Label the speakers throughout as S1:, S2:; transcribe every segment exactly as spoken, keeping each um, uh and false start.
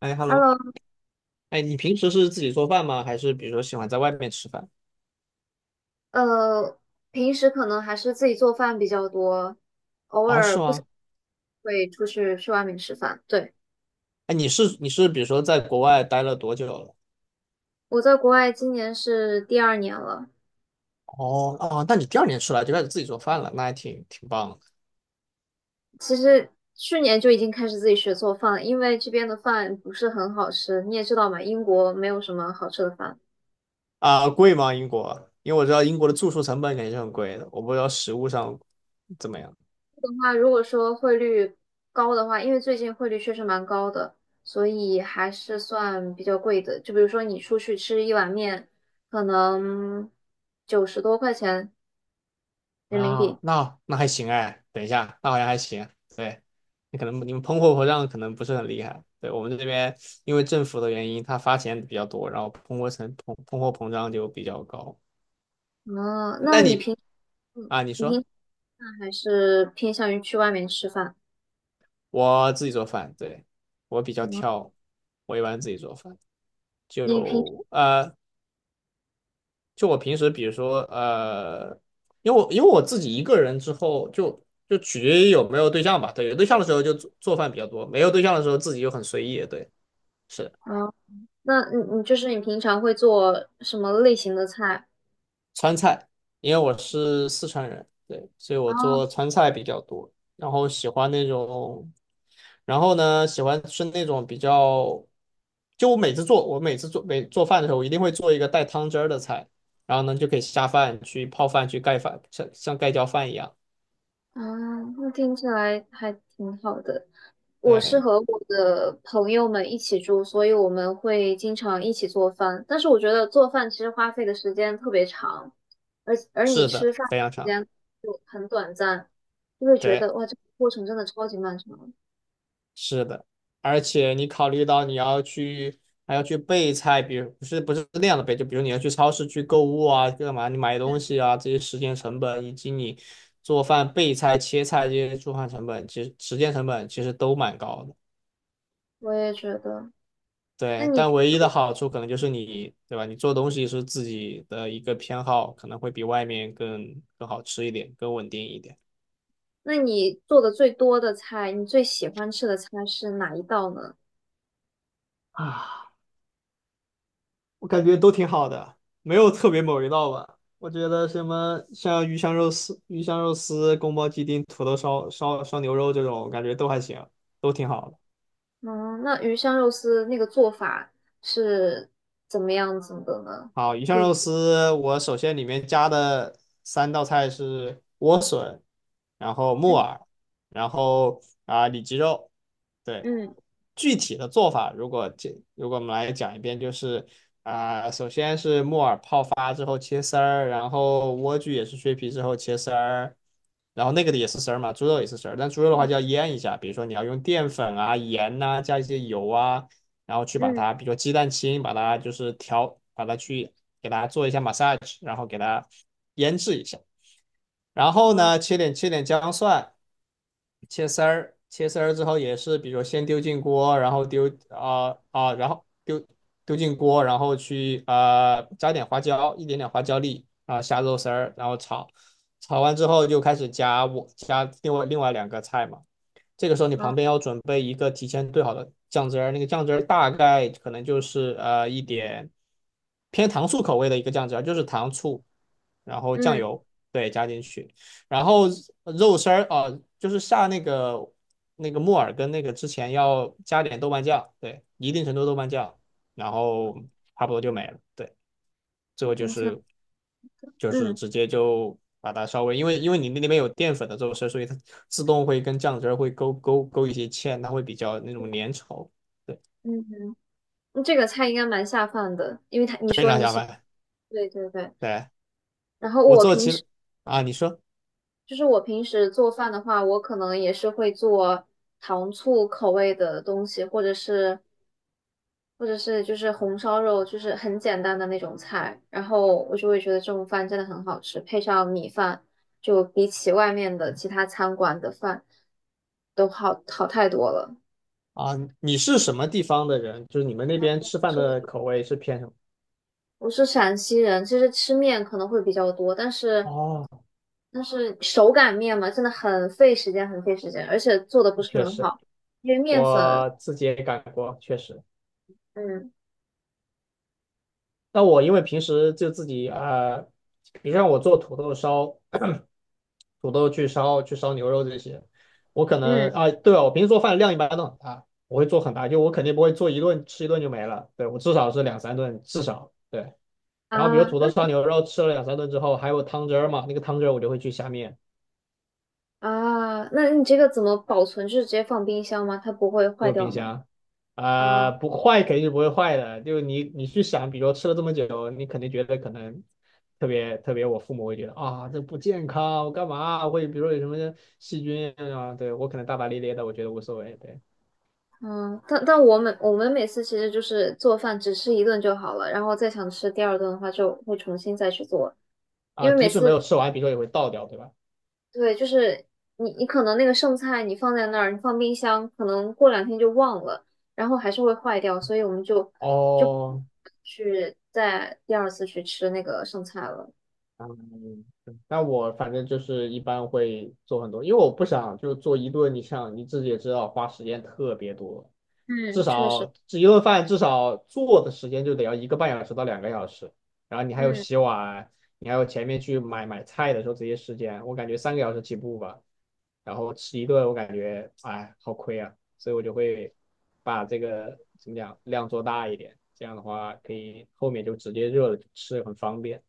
S1: 哎，hello，
S2: Hello，
S1: 哎，你平时是自己做饭吗？还是比如说喜欢在外面吃饭？
S2: 呃，平时可能还是自己做饭比较多，偶
S1: 哦，是
S2: 尔不想
S1: 吗？
S2: 会出去去外面吃饭。对，
S1: 哎，你是你是比如说在国外待了多久了？
S2: 我在国外今年是第二年了，
S1: 哦哦，那你第二年出来就开始自己做饭了，那还挺挺棒的
S2: 其实去年就已经开始自己学做饭了，因为这边的饭不是很好吃，你也知道嘛，英国没有什么好吃的饭。
S1: 啊。贵吗？英国？因为我知道英国的住宿成本肯定是很贵的，我不知道食物上怎么样
S2: 的话，如果说汇率高的话，因为最近汇率确实蛮高的，所以还是算比较贵的。就比如说你出去吃一碗面，可能九十多块钱。人民
S1: 啊。
S2: 币。
S1: 那那还行哎，等一下，那好像还行。对，你可能你们通货膨胀可能不是很厉害。对，我们这边因为政府的原因，它发钱比较多，然后通货成通通货膨胀就比较高。
S2: 哦，
S1: 那
S2: 那你
S1: 你
S2: 平，嗯
S1: 啊，你
S2: 你平
S1: 说
S2: 常还是偏向于去外面吃饭？
S1: 我自己做饭，对，我比较
S2: 嗯，
S1: 挑，我一般自己做饭，
S2: 你平，
S1: 就呃，就我平时比如说呃，因为我因为我自己一个人之后就。就取决于有没有对象吧，对，有对象的时候就做做饭比较多，没有对象的时候自己就很随意，对，是。
S2: 哦，那你你就是你平常会做什么类型的菜？
S1: 川菜，因为我是四川人，对，所以我
S2: 啊？
S1: 做川菜比较多，然后喜欢那种，然后呢，喜欢吃那种比较，就我每次做，我每次做每做饭的时候，我一定会做一个带汤汁儿的菜，然后呢就可以下饭去泡饭去盖饭，像像盖浇饭一样，
S2: 啊，那听起来还挺好的。我是
S1: 对，
S2: 和我的朋友们一起住，所以我们会经常一起做饭。但是我觉得做饭其实花费的时间特别长，而而你
S1: 是
S2: 吃
S1: 的，
S2: 饭
S1: 非常
S2: 时
S1: 长，
S2: 间就很短暂，就会觉
S1: 对。
S2: 得哇，这个过程真的超级漫长。
S1: 是的，而且你考虑到你要去还要去备菜，比如不是不是那样的备，就比如你要去超市去购物啊，干嘛你买东西啊这些时间成本，以及你做饭备菜切菜这些做饭成本，其实时间成本其实都蛮高的。
S2: 我也觉得。那
S1: 对，
S2: 你
S1: 但
S2: 平
S1: 唯一的
S2: 时
S1: 好处可能就是你，对吧？你做东西是自己的一个偏好，可能会比外面更更好吃一点，更稳定一点。
S2: 那你做的最多的菜，你最喜欢吃的菜是哪一道呢？
S1: 啊。我感觉都挺好的，没有特别某一道吧。我觉得什么像鱼香肉丝、鱼香肉丝、宫保鸡丁、土豆烧烧烧牛肉这种，感觉都还行，都挺好的。
S2: 嗯，那鱼香肉丝那个做法是怎么样子的呢？
S1: 好，鱼
S2: 可
S1: 香
S2: 以，
S1: 肉丝，我首先里面加的三道菜是莴笋，然后木
S2: 嗯
S1: 耳，然后啊里脊肉。对，
S2: 嗯
S1: 具体的做法，如果这如果我们来讲一遍，就是啊、首先是木耳泡发之后切丝儿，然后莴苣也是削皮之后切丝儿，然后那个的也是丝儿嘛，猪肉也是丝儿，但猪肉的话就要腌一下，比如说你要用淀粉啊、盐呐、加一些油啊。然后去把
S2: 嗯，
S1: 它，比如说鸡蛋清，把它就是调，把它去给它做一下 massage，然后给它腌制一下。然后
S2: 好
S1: 呢，切点切点姜蒜，切丝儿，切丝儿之后也是，比如说先丢进锅，然后丢啊啊、呃呃然后丢丢进锅，然后去呃加点花椒，一点点花椒粒，啊后下肉丝儿，然后炒。炒完之后就开始加我加另外另外两个菜嘛，这个时候你
S2: 好，
S1: 旁边要准备一个提前兑好的酱汁儿，那个酱汁儿大概可能就是呃一点偏糖醋口味的一个酱汁儿，就是糖醋，然后酱
S2: 嗯，
S1: 油，对，加进去，然后肉丝儿啊、呃就是下那个那个木耳跟那个之前要加点豆瓣酱，对，一定程度豆瓣酱，然后差不多就没了，对，最后就
S2: 明确，
S1: 是就是
S2: 嗯
S1: 直接就把它稍微，因为因为你那里面有淀粉的这种事，所以它自动会跟酱汁儿会勾勾勾一些芡，它会比较那种粘稠，对，
S2: 嗯，嗯这个菜应该蛮下饭的，因为他你
S1: 非
S2: 说
S1: 常
S2: 你
S1: 下
S2: 喜欢，
S1: 饭。
S2: 对对对。
S1: 对，
S2: 然后
S1: 我
S2: 我
S1: 做
S2: 平时
S1: 其啊，你说
S2: 就是我平时做饭的话，我可能也是会做糖醋口味的东西，或者是或者是就是红烧肉，就是很简单的那种菜，然后我就会觉得这种饭真的很好吃，配上米饭，就比起外面的其他餐馆的饭都好好太多了。
S1: 啊，你是什么地方的人？就是你们那边吃饭的口味是偏什么？
S2: 我是陕西人，其实吃面可能会比较多，但是
S1: 哦，
S2: 但是手擀面嘛，真的很费时间，很费时间，而且做的不是
S1: 确
S2: 很
S1: 实，
S2: 好，因为面粉，
S1: 我自己也干过，确实。
S2: 嗯
S1: 那我因为平时就自己啊、你比如像我做土豆烧，土豆去烧去烧牛肉这些。我可
S2: 嗯
S1: 能啊，对啊，我平时做饭量一般都很大，我会做很大，就我肯定不会做一顿吃一顿就没了，对，我至少是两三顿，至少对。然后比如
S2: 啊
S1: 土豆烧牛肉吃了两三顿之后，还有汤汁儿嘛，那个汤汁儿我就会去下面，
S2: 啊，那你这个怎么保存？就是直接放冰箱吗？它不会
S1: 就
S2: 坏
S1: 是
S2: 掉
S1: 冰
S2: 吗？
S1: 箱，啊、
S2: 啊。
S1: 不坏肯定是不会坏的，就是你你去想，比如吃了这么久，你肯定觉得可能特别特别，我父母会觉得啊这不健康，我干嘛会比如说有什么细菌啊，对我可能大大咧咧的，我觉得无所谓，对。
S2: 嗯，但但我们我们每次其实就是做饭只吃一顿就好了，然后再想吃第二顿的话就会重新再去做，因
S1: 啊，
S2: 为每
S1: 即使没
S2: 次
S1: 有吃完，比如说也会倒掉，对吧？
S2: 对，就是你你可能那个剩菜你放在那儿，你放冰箱，可能过两天就忘了，然后还是会坏掉，所以我们就就
S1: 哦，
S2: 去再第二次去吃那个剩菜了。
S1: 嗯，对那我反正就是一般会做很多，因为我不想就做一顿，你像你自己也知道，花时间特别多，至
S2: 嗯，确实，
S1: 少这一顿饭至少做的时间就得要一个半小时到两个小时，然后你还有
S2: 嗯
S1: 洗碗，你还有前面去买买菜的时候这些时间，我感觉三个小时起步吧，然后吃一顿我感觉哎好亏啊，所以我就会把这个怎么讲量做大一点，这样的话可以后面就直接热了就吃很方便。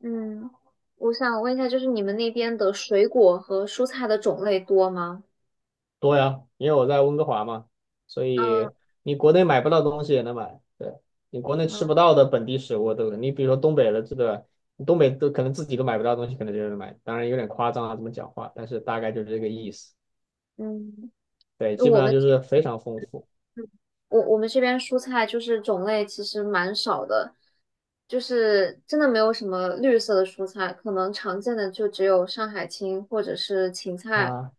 S2: 嗯，我想问一下，就是你们那边的水果和蔬菜的种类多吗？
S1: 多呀，因为我在温哥华嘛，所以
S2: 嗯
S1: 你国内买不到东西也能买，对，你国内吃
S2: 嗯
S1: 不到的本地食物，对对？你比如说东北的这个，东北都可能自己都买不到东西，可能就能买，当然有点夸张啊，这么讲话，但是大概就是这个意思，
S2: 嗯，
S1: 对，基本
S2: 我
S1: 上
S2: 们。
S1: 就是非常丰富
S2: 我我们这边蔬菜就是种类其实蛮少的，就是真的没有什么绿色的蔬菜，可能常见的就只有上海青或者是芹菜
S1: 啊。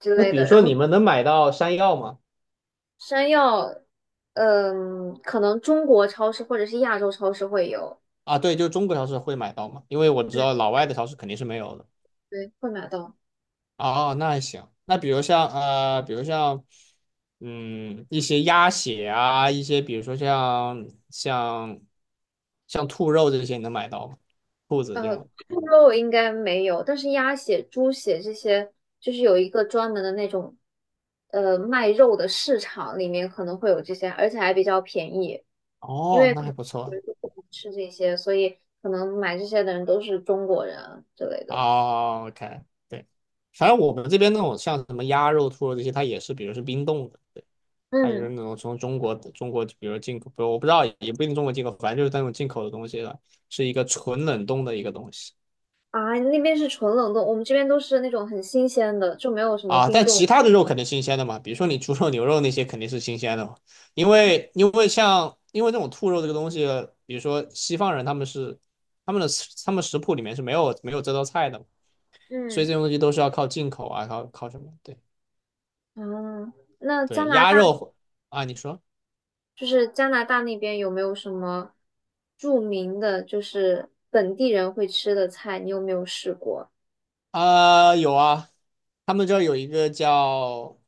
S2: 之
S1: 那
S2: 类
S1: 比如
S2: 的。然
S1: 说
S2: 后
S1: 你们能买到山药吗？
S2: 山药，嗯，可能中国超市或者是亚洲超市会有，
S1: 啊，对，就中国超市会买到吗？因为我知
S2: 对
S1: 道老外的超市肯定是没有的。
S2: 对，会买到。
S1: 哦，那还行。那比如像呃，比如像嗯一些鸭血啊，一些比如说像像像兔肉这些，你能买到吗？兔子这
S2: 呃，
S1: 种。
S2: 猪肉应该没有，但是鸭血、猪血这些，就是有一个专门的那种，呃，卖肉的市场里面可能会有这些，而且还比较便宜。因
S1: 哦，
S2: 为
S1: 那
S2: 可
S1: 还
S2: 能
S1: 不
S2: 有人
S1: 错。
S2: 就不敢吃这些，所以可能买这些的人都是中国人啊之类的。
S1: 哦，OK，对，反正我们这边那种像什么鸭肉、兔肉这些，它也是，比如是冰冻的，对，它就是
S2: 嗯，
S1: 那种从中国中国，比如进口，不我不知道，也不一定中国进口，反正就是那种进口的东西了，是一个纯冷冻的一个东西。
S2: 啊，那边是纯冷冻，我们这边都是那种很新鲜的，就没有什么
S1: 啊，
S2: 冰
S1: 但
S2: 冻。
S1: 其他的肉肯定新鲜的嘛，比如说你猪肉、牛肉那些肯定是新鲜的嘛，因为因为像因为这种兔肉这个东西，比如说西方人他们是他们的他们食谱里面是没有没有这道菜的，所以这
S2: 嗯，
S1: 种东西都是要靠进口啊，靠靠什么？对
S2: 啊，那加
S1: 对，
S2: 拿
S1: 鸭
S2: 大
S1: 肉啊，你说
S2: 就是加拿大那边有没有什么著名的，就是本地人会吃的菜？你有没有试过？
S1: 啊，有啊，他们这儿有一个叫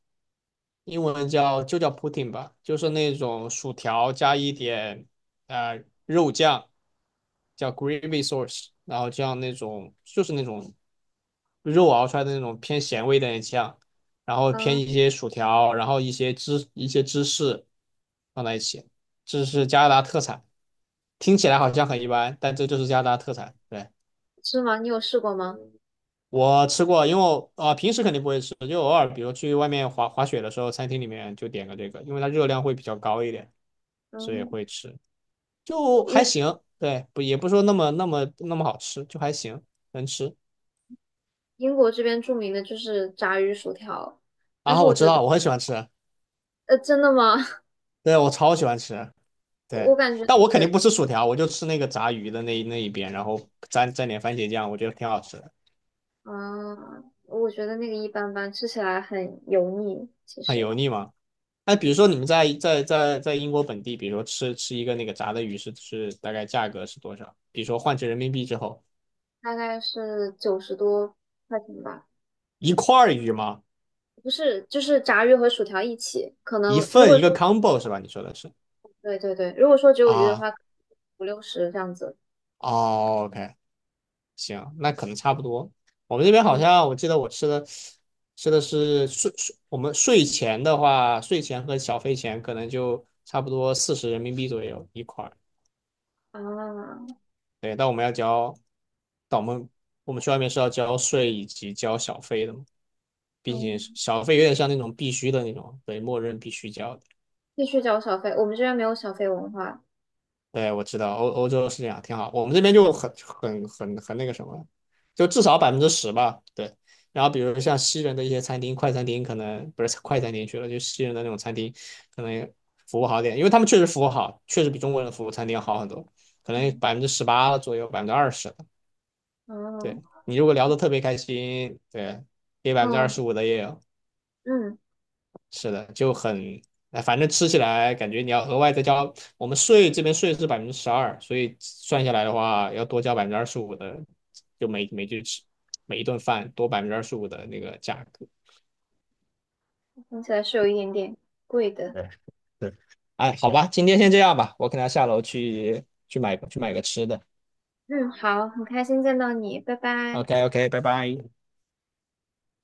S1: 英文叫就叫 pudding 吧，就是那种薯条加一点呃肉酱，叫 gravy sauce，然后像那种就是那种肉熬出来的那种偏咸味的那的酱，然后偏
S2: 嗯，
S1: 一些薯条，然后一些芝一些芝士放在一起，这是加拿大特产，听起来好像很一般，但这就是加拿大特产，对。
S2: 是吗？你有试过吗？
S1: 我吃过，因为我啊、呃平时肯定不会吃，就偶尔比如去外面滑滑雪的时候，餐厅里面就点个这个，因为它热量会比较高一点，所以
S2: 嗯，
S1: 会吃，就
S2: 英
S1: 还行。对，不也不说那么那么那么好吃，就还行，能吃。
S2: 英国这边著名的就是炸鱼薯条。
S1: 然后我知道，我很喜欢吃，
S2: 呃，真的吗？
S1: 对我超喜欢吃，
S2: 我
S1: 对，
S2: 我感觉
S1: 但
S2: 那
S1: 我肯定
S2: 个
S1: 不吃薯条，我就吃那个炸鱼的那一那一边，然后蘸蘸点番茄酱，我觉得挺好吃的，
S2: 啊，我觉得那个一般般，吃起来很油腻。其
S1: 很
S2: 实，
S1: 油腻吗？那比如
S2: 嗯，
S1: 说你们在在在在英国本地，比如说吃吃一个那个炸的鱼是是大概价格是多少？比如说换成人民币之后，
S2: 大概是九十多块钱吧。
S1: 一块鱼吗？
S2: 不是，就是炸鱼和薯条一起，可
S1: 一
S2: 能如
S1: 份
S2: 果
S1: 一个
S2: 说
S1: combo 是吧？你说的是
S2: 对对对，如果说只有鱼的
S1: 啊？
S2: 话，五六十这样子。
S1: 哦，OK，行，那可能差不多。我们这边好
S2: 嗯
S1: 像我记得我吃的吃的是税税，我们税前的话，税前和小费前可能就差不多四十人民币左右一块
S2: 啊，
S1: 对，但我们要交，但我们我们去外面是要交税以及交小费的嘛，并且
S2: 嗯，
S1: 小费有点像那种必须的那种，对，默认必须交的。
S2: 必须交小费，我们这边没有小费文化。
S1: 对，我知道欧欧洲是这样，挺好。我们这边就很很很很那个什么，就至少百分之十吧。对，然后比如像西人的一些餐厅、快餐厅，可能不是快餐厅去了，就西人的那种餐厅，可能服务好点，因为他们确实服务好，确实比中国人的服务餐厅要好很多，可能
S2: 嗯
S1: 百分之十八左右，百分之二十。对
S2: 哦
S1: 你如果聊的特别开心，对，给百分之二
S2: 嗯
S1: 十五的也有，
S2: 嗯，
S1: 是的，就很，哎，反正吃起来感觉你要额外再交，我们税这边税是百分之十二，所以算下来的话要多交百分之二十五的，就每每句吃每一顿饭多百分之二十五的那个价格。
S2: 听起来是有一点点贵的。
S1: 哎，好吧，今天先这样吧，我可能要下楼去去买去买个吃的。
S2: 嗯，好，很开心见到你，拜拜。
S1: OK OK，拜拜。